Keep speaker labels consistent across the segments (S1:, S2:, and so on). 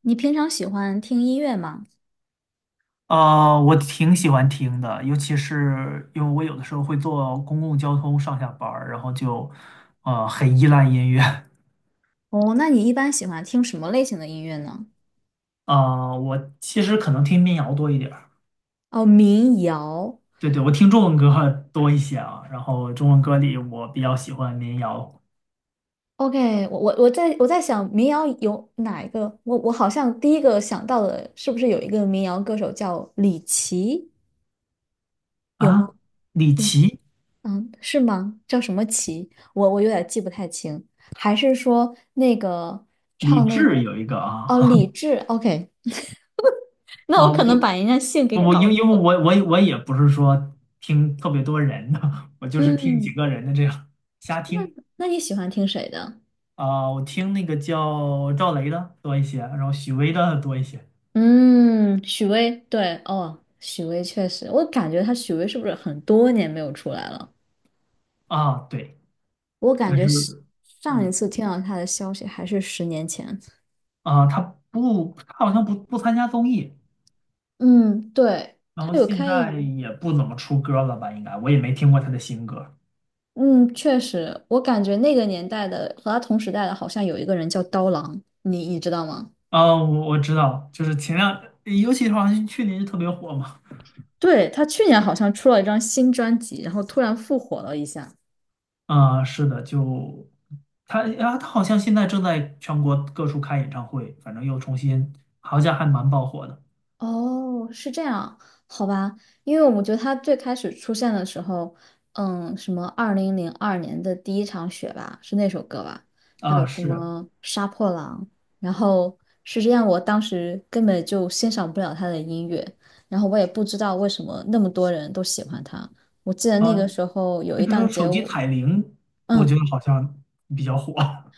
S1: 你平常喜欢听音乐吗？
S2: 我挺喜欢听的，尤其是因为我有的时候会坐公共交通上下班儿，然后就很依赖音乐。
S1: 哦，那你一般喜欢听什么类型的音乐呢？
S2: 我其实可能听民谣多一点儿，
S1: 哦，民谣。
S2: 对对，我听中文歌多一些啊。然后中文歌里我比较喜欢民谣
S1: OK,我在想民谣有哪一个？我好像第一个想到的是不是有一个民谣歌手叫李琦？有吗？
S2: 啊，李
S1: 有。
S2: 琦、
S1: 嗯，是吗？叫什么琦？我有点记不太清。还是说那个
S2: 李
S1: 唱那
S2: 志有一个
S1: 哦
S2: 啊。
S1: 李志？OK,那
S2: 啊，
S1: 我可能
S2: 我
S1: 把人家姓给
S2: 我因
S1: 搞
S2: 因为
S1: 混。
S2: 我也不是说听特别多人的，我就是听几
S1: 嗯，
S2: 个人的这样瞎听。
S1: 那你喜欢听谁的？
S2: 我听那个叫赵雷的多一些，然后许巍的多一些
S1: 嗯，许巍，对，哦，许巍确实，我感觉他许巍是不是很多年没有出来了？
S2: 啊，对，
S1: 我感
S2: 但
S1: 觉
S2: 是
S1: 是上一
S2: 嗯
S1: 次听到他的消息还是十年前。
S2: 他不，他好像不参加综艺，
S1: 嗯，对，
S2: 然后
S1: 他有
S2: 现
S1: 开
S2: 在
S1: 演，
S2: 也不怎么出歌了吧？应该我也没听过他的新歌。
S1: 嗯，确实，我感觉那个年代的和他同时代的，好像有一个人叫刀郎，你知道吗？
S2: 我知道，就是尤其是好像去年就特别火嘛。
S1: 对，他去年好像出了一张新专辑，然后突然复活了一下。
S2: 是的，就他好像现在正在全国各处开演唱会，反正又重新，好像还蛮爆火的
S1: 哦，是这样，好吧，因为我觉得他最开始出现的时候，嗯，什么2002年的第一场雪吧，是那首歌吧，还
S2: 啊，
S1: 有什
S2: 是
S1: 么杀破狼，然后是这样，我当时根本就欣赏不了他的音乐，然后我也不知道为什么那么多人都喜欢他。我记得那
S2: 啊。那
S1: 个时候有
S2: 比
S1: 一
S2: 如
S1: 档
S2: 说手
S1: 节
S2: 机
S1: 目，
S2: 彩铃，我觉得
S1: 嗯，
S2: 好像比较火。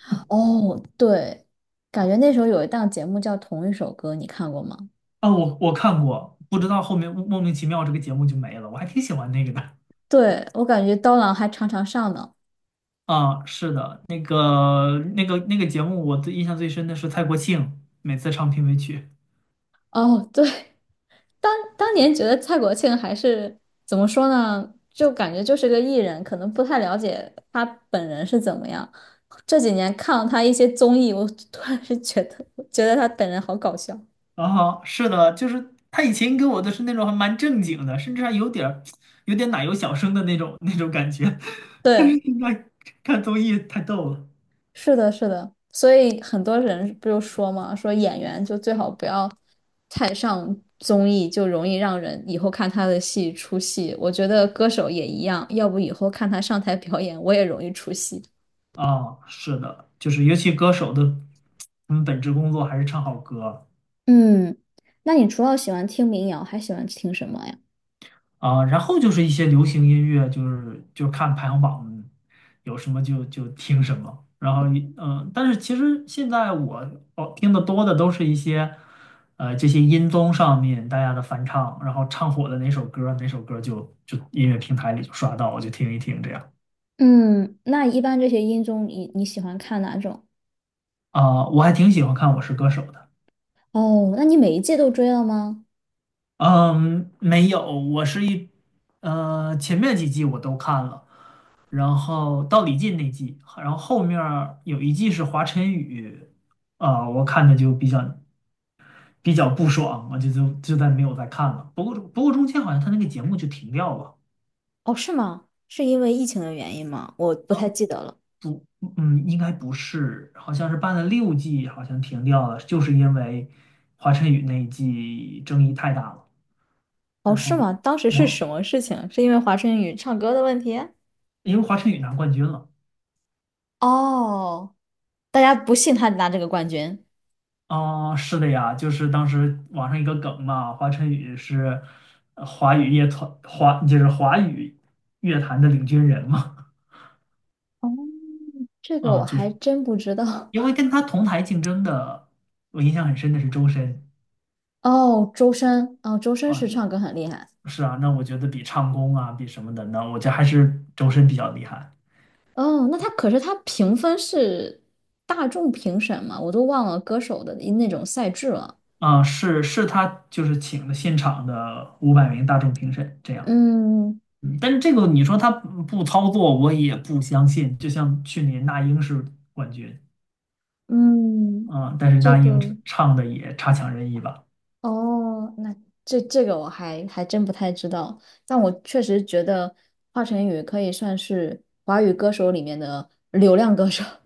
S1: 哦，对，感觉那时候有一档节目叫《同一首歌》，你看过吗？
S2: 我看过，不知道后面莫名其妙这个节目就没了，我还挺喜欢那个的。
S1: 对，我感觉刀郎还常常上呢。
S2: 是的，那个节目，我最印象最深的是蔡国庆每次唱片尾曲。
S1: 哦，对，当当年觉得蔡国庆还是怎么说呢，就感觉就是个艺人，可能不太了解他本人是怎么样。这几年看了他一些综艺，我突然是觉得觉得他本人好搞笑。
S2: 啊。是的，就是他以前给我的是那种还蛮正经的，甚至还有点奶油小生的那种感觉，但是
S1: 对，
S2: 现在看综艺太逗了。
S1: 是的，是的，所以很多人不就说嘛，说演员就最好不要太上综艺，就容易让人以后看他的戏出戏。我觉得歌手也一样，要不以后看他上台表演，我也容易出戏。
S2: 是的，就是尤其歌手的，他们本职工作还是唱好歌。
S1: 嗯，那你除了喜欢听民谣，还喜欢听什么呀？
S2: 然后就是一些流行音乐，就是看排行榜有什么就听什么，然后但是其实现在我哦听的多的都是一些这些音综上面大家的翻唱，然后唱火的哪首歌哪首歌就音乐平台里就刷到，我就听一听这样。
S1: 嗯，那一般这些音综你喜欢看哪种？
S2: 我还挺喜欢看《我是歌手》的。
S1: 哦，那你每一季都追了吗？
S2: 嗯，没有，我是一，前面几季我都看了，然后到李进那季，然后后面儿有一季是华晨宇。我看的就比较不爽，我就再没有再看了。不过中间好像他那个节目就停掉了。
S1: 哦，是吗？是因为疫情的原因吗？我不太记得了。
S2: 嗯，应该不是，好像是办了6季，好像停掉了，就是因为华晨宇那一季争议太大了。
S1: 哦，
S2: 然后
S1: 是吗？当时
S2: 然
S1: 是
S2: 后
S1: 什么事情？是因为华晨宇唱歌的问题？
S2: 因为华晨宇拿冠军了。
S1: 哦，大家不信他拿这个冠军。
S2: 哦，是的呀，就是当时网上一个梗嘛，华晨宇是华语乐团华就是华语乐坛的领军人嘛。
S1: 哦，这 个我
S2: 就
S1: 还
S2: 是
S1: 真不知道。
S2: 因为 跟他同台竞争的，我印象很深的是周深
S1: 哦，周深，哦，周深是唱
S2: 啊，
S1: 歌很厉害。
S2: 是啊，那我觉得比唱功啊，比什么的呢，那我觉得还是周深比较厉害。
S1: 哦，那他可是他评分是大众评审嘛，我都忘了歌手的那种赛制了。
S2: 是他就是请的现场的500名大众评审这样。
S1: 嗯
S2: 嗯，但是这个你说他不操作，我也不相信。就像去年那英是冠军。
S1: 嗯，
S2: 嗯，但是
S1: 这
S2: 那英
S1: 个
S2: 唱的也差强人意吧？
S1: 哦，那这这个我还还真不太知道，但我确实觉得华晨宇可以算是华语歌手里面的流量歌手。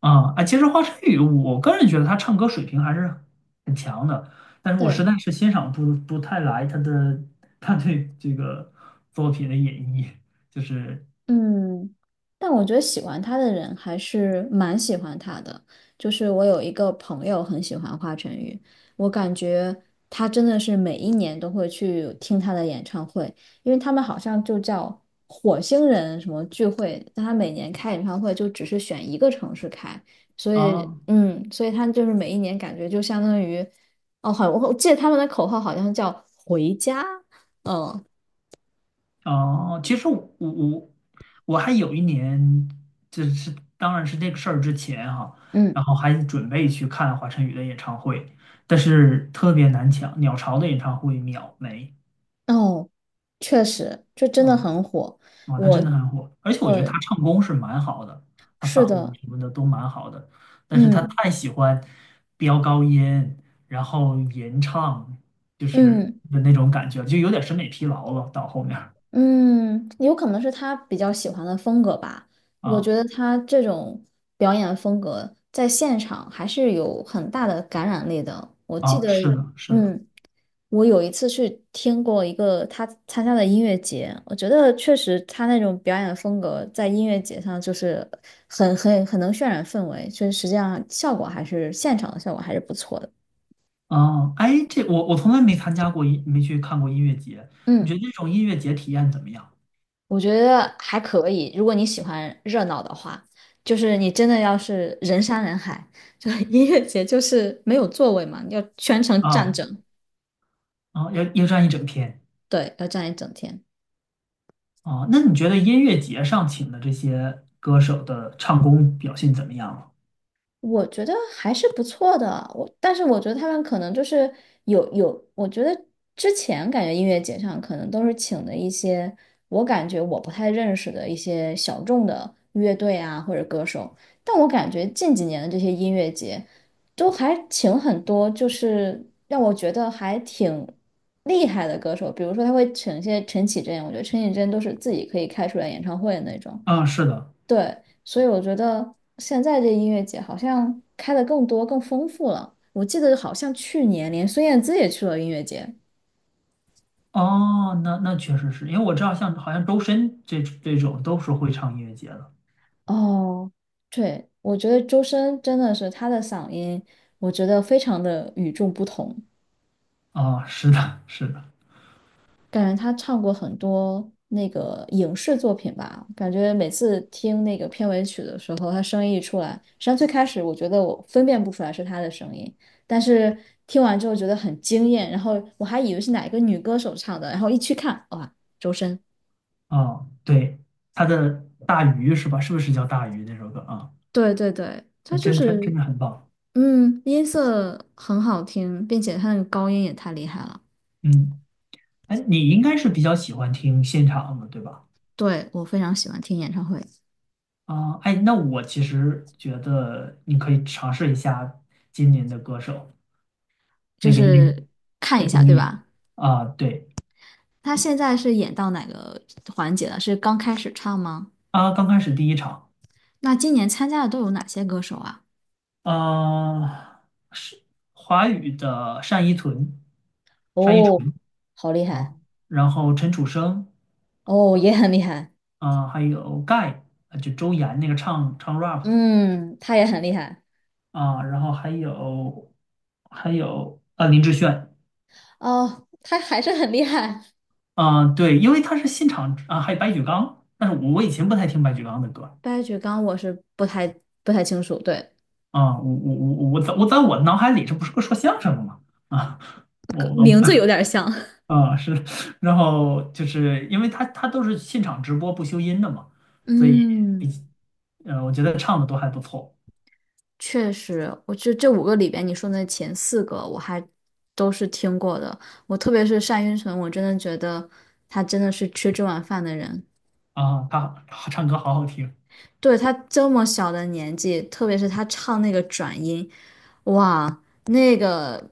S2: 其实华晨宇，我个人觉得他唱歌水平还是很强的，但是我实
S1: 对，
S2: 在是欣赏不太来他的他对这个作品的演绎，就是
S1: 嗯，但我觉得喜欢他的人还是蛮喜欢他的。就是我有一个朋友很喜欢华晨宇，我感觉他真的是每一年都会去听他的演唱会，因为他们好像就叫火星人什么聚会，但他每年开演唱会就只是选一个城市开，所以
S2: 啊。
S1: 嗯，所以他就是每一年感觉就相当于，哦，好，我记得他们的口号好像叫回家，嗯。
S2: 其实我我还有一年，就是当然是这个事儿之前哈、
S1: 嗯
S2: 然后还准备去看华晨宇的演唱会，但是特别难抢，鸟巢的演唱会秒没。
S1: 哦，确实，这真的
S2: 啊。
S1: 很火。
S2: 他
S1: 我，
S2: 真的很火，而且我觉得他
S1: 对，
S2: 唱功是蛮好的，他
S1: 是
S2: 嗓子
S1: 的，
S2: 什么的都蛮好的，但是他
S1: 嗯
S2: 太喜欢飙高音，然后吟唱，就是
S1: 嗯
S2: 的那种感觉，就有点审美疲劳了。到后面儿。
S1: 嗯，有可能是他比较喜欢的风格吧。我
S2: 啊
S1: 觉得他这种表演风格在现场还是有很大的感染力的。我记得，
S2: 是的，是的。
S1: 嗯。我有一次去听过一个他参加的音乐节，我觉得确实他那种表演风格在音乐节上就是很能渲染氛围，就是实际上效果还是现场的效果还是不错的。
S2: 哎，这我从来没参加过没去看过音乐节，你觉
S1: 嗯，
S2: 得这种音乐节体验怎么样？
S1: 我觉得还可以，如果你喜欢热闹的话，就是你真的要是人山人海，就 音乐节就是没有座位嘛，你要全程站
S2: 啊
S1: 着，
S2: 要站一整天。
S1: 对，要站一整天。
S2: 那你觉得音乐节上请的这些歌手的唱功表现怎么样了？
S1: 我觉得还是不错的，我但是我觉得他们可能就是有，我觉得之前感觉音乐节上可能都是请的一些我感觉我不太认识的一些小众的乐队啊或者歌手，但我感觉近几年的这些音乐节都还请很多，就是让我觉得还挺厉害的歌手，比如说他会请一些陈绮贞，我觉得陈绮贞都是自己可以开出来演唱会的那种。
S2: 啊，是的。
S1: 对，所以我觉得现在这音乐节好像开的更多、更丰富了。我记得好像去年连孙燕姿也去了音乐节。
S2: 哦，那确实是因为我知道，像好像周深这种都是会唱音乐节的。
S1: 哦，对，我觉得周深真的是他的嗓音，我觉得非常的与众不同。
S2: 是的，是的。
S1: 感觉他唱过很多那个影视作品吧，感觉每次听那个片尾曲的时候，他声音一出来，实际上最开始我觉得我分辨不出来是他的声音，但是听完之后觉得很惊艳，然后我还以为是哪一个女歌手唱的，然后一去看，哇，周深。
S2: 对，他的《大鱼》是吧？是不是叫《大鱼》那首歌啊？
S1: 对对对，他
S2: 真
S1: 就
S2: 真真
S1: 是，
S2: 的很棒。
S1: 嗯，音色很好听，并且他那个高音也太厉害了。
S2: 嗯，哎，你应该是比较喜欢听现场的，对吧？
S1: 对，我非常喜欢听演唱会，
S2: 哎，那我其实觉得你可以尝试一下今年的歌手
S1: 就
S2: 那个音，
S1: 是看
S2: 哎，
S1: 一下，
S2: 综
S1: 对
S2: 艺。
S1: 吧？
S2: 对。
S1: 他现在是演到哪个环节了？是刚开始唱吗？
S2: 刚开始第一场。
S1: 那今年参加的都有哪些歌手啊？
S2: 呃，是华语的单依纯，单依
S1: 哦，
S2: 纯。
S1: 好厉
S2: 啊，
S1: 害！
S2: 然后陈楚生。
S1: 哦，也很厉害。
S2: 啊，还有盖，啊就周岩那个唱 rap 的。
S1: 嗯，他也很厉害。
S2: 然后还有林志炫。
S1: 哦，他还是很厉害。
S2: 对，因为他是现场啊，还有白举纲，但是我以前不太听白举纲的歌。
S1: 白举纲我是不太清楚，对，
S2: 我在我脑海里这不是个说相声的吗？啊，
S1: 个
S2: 我我
S1: 名字有点像。
S2: 啊是，然后就是因为他都是现场直播不修音的嘛，所以比
S1: 嗯，
S2: 我觉得唱的都还不错。
S1: 确实，我这五个里边，你说的前四个我还都是听过的。我特别是单依纯，我真的觉得他真的是吃这碗饭的人。
S2: 他唱歌好好听。
S1: 对，他这么小的年纪，特别是他唱那个转音，哇，那个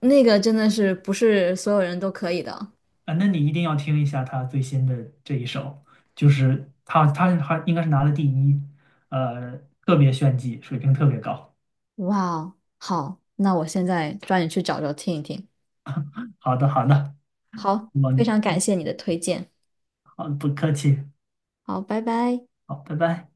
S1: 那个真的是不是所有人都可以的。
S2: 那你一定要听一下他最新的这一首，就是他还应该是拿了第一，呃，特别炫技，水平特别高。
S1: 哇哦，好，那我现在抓紧去找找听一听。
S2: 好的，好的，
S1: 好，
S2: 我
S1: 非常感谢你的推荐。
S2: 好，不客气。
S1: 好，拜拜。
S2: 好，拜拜。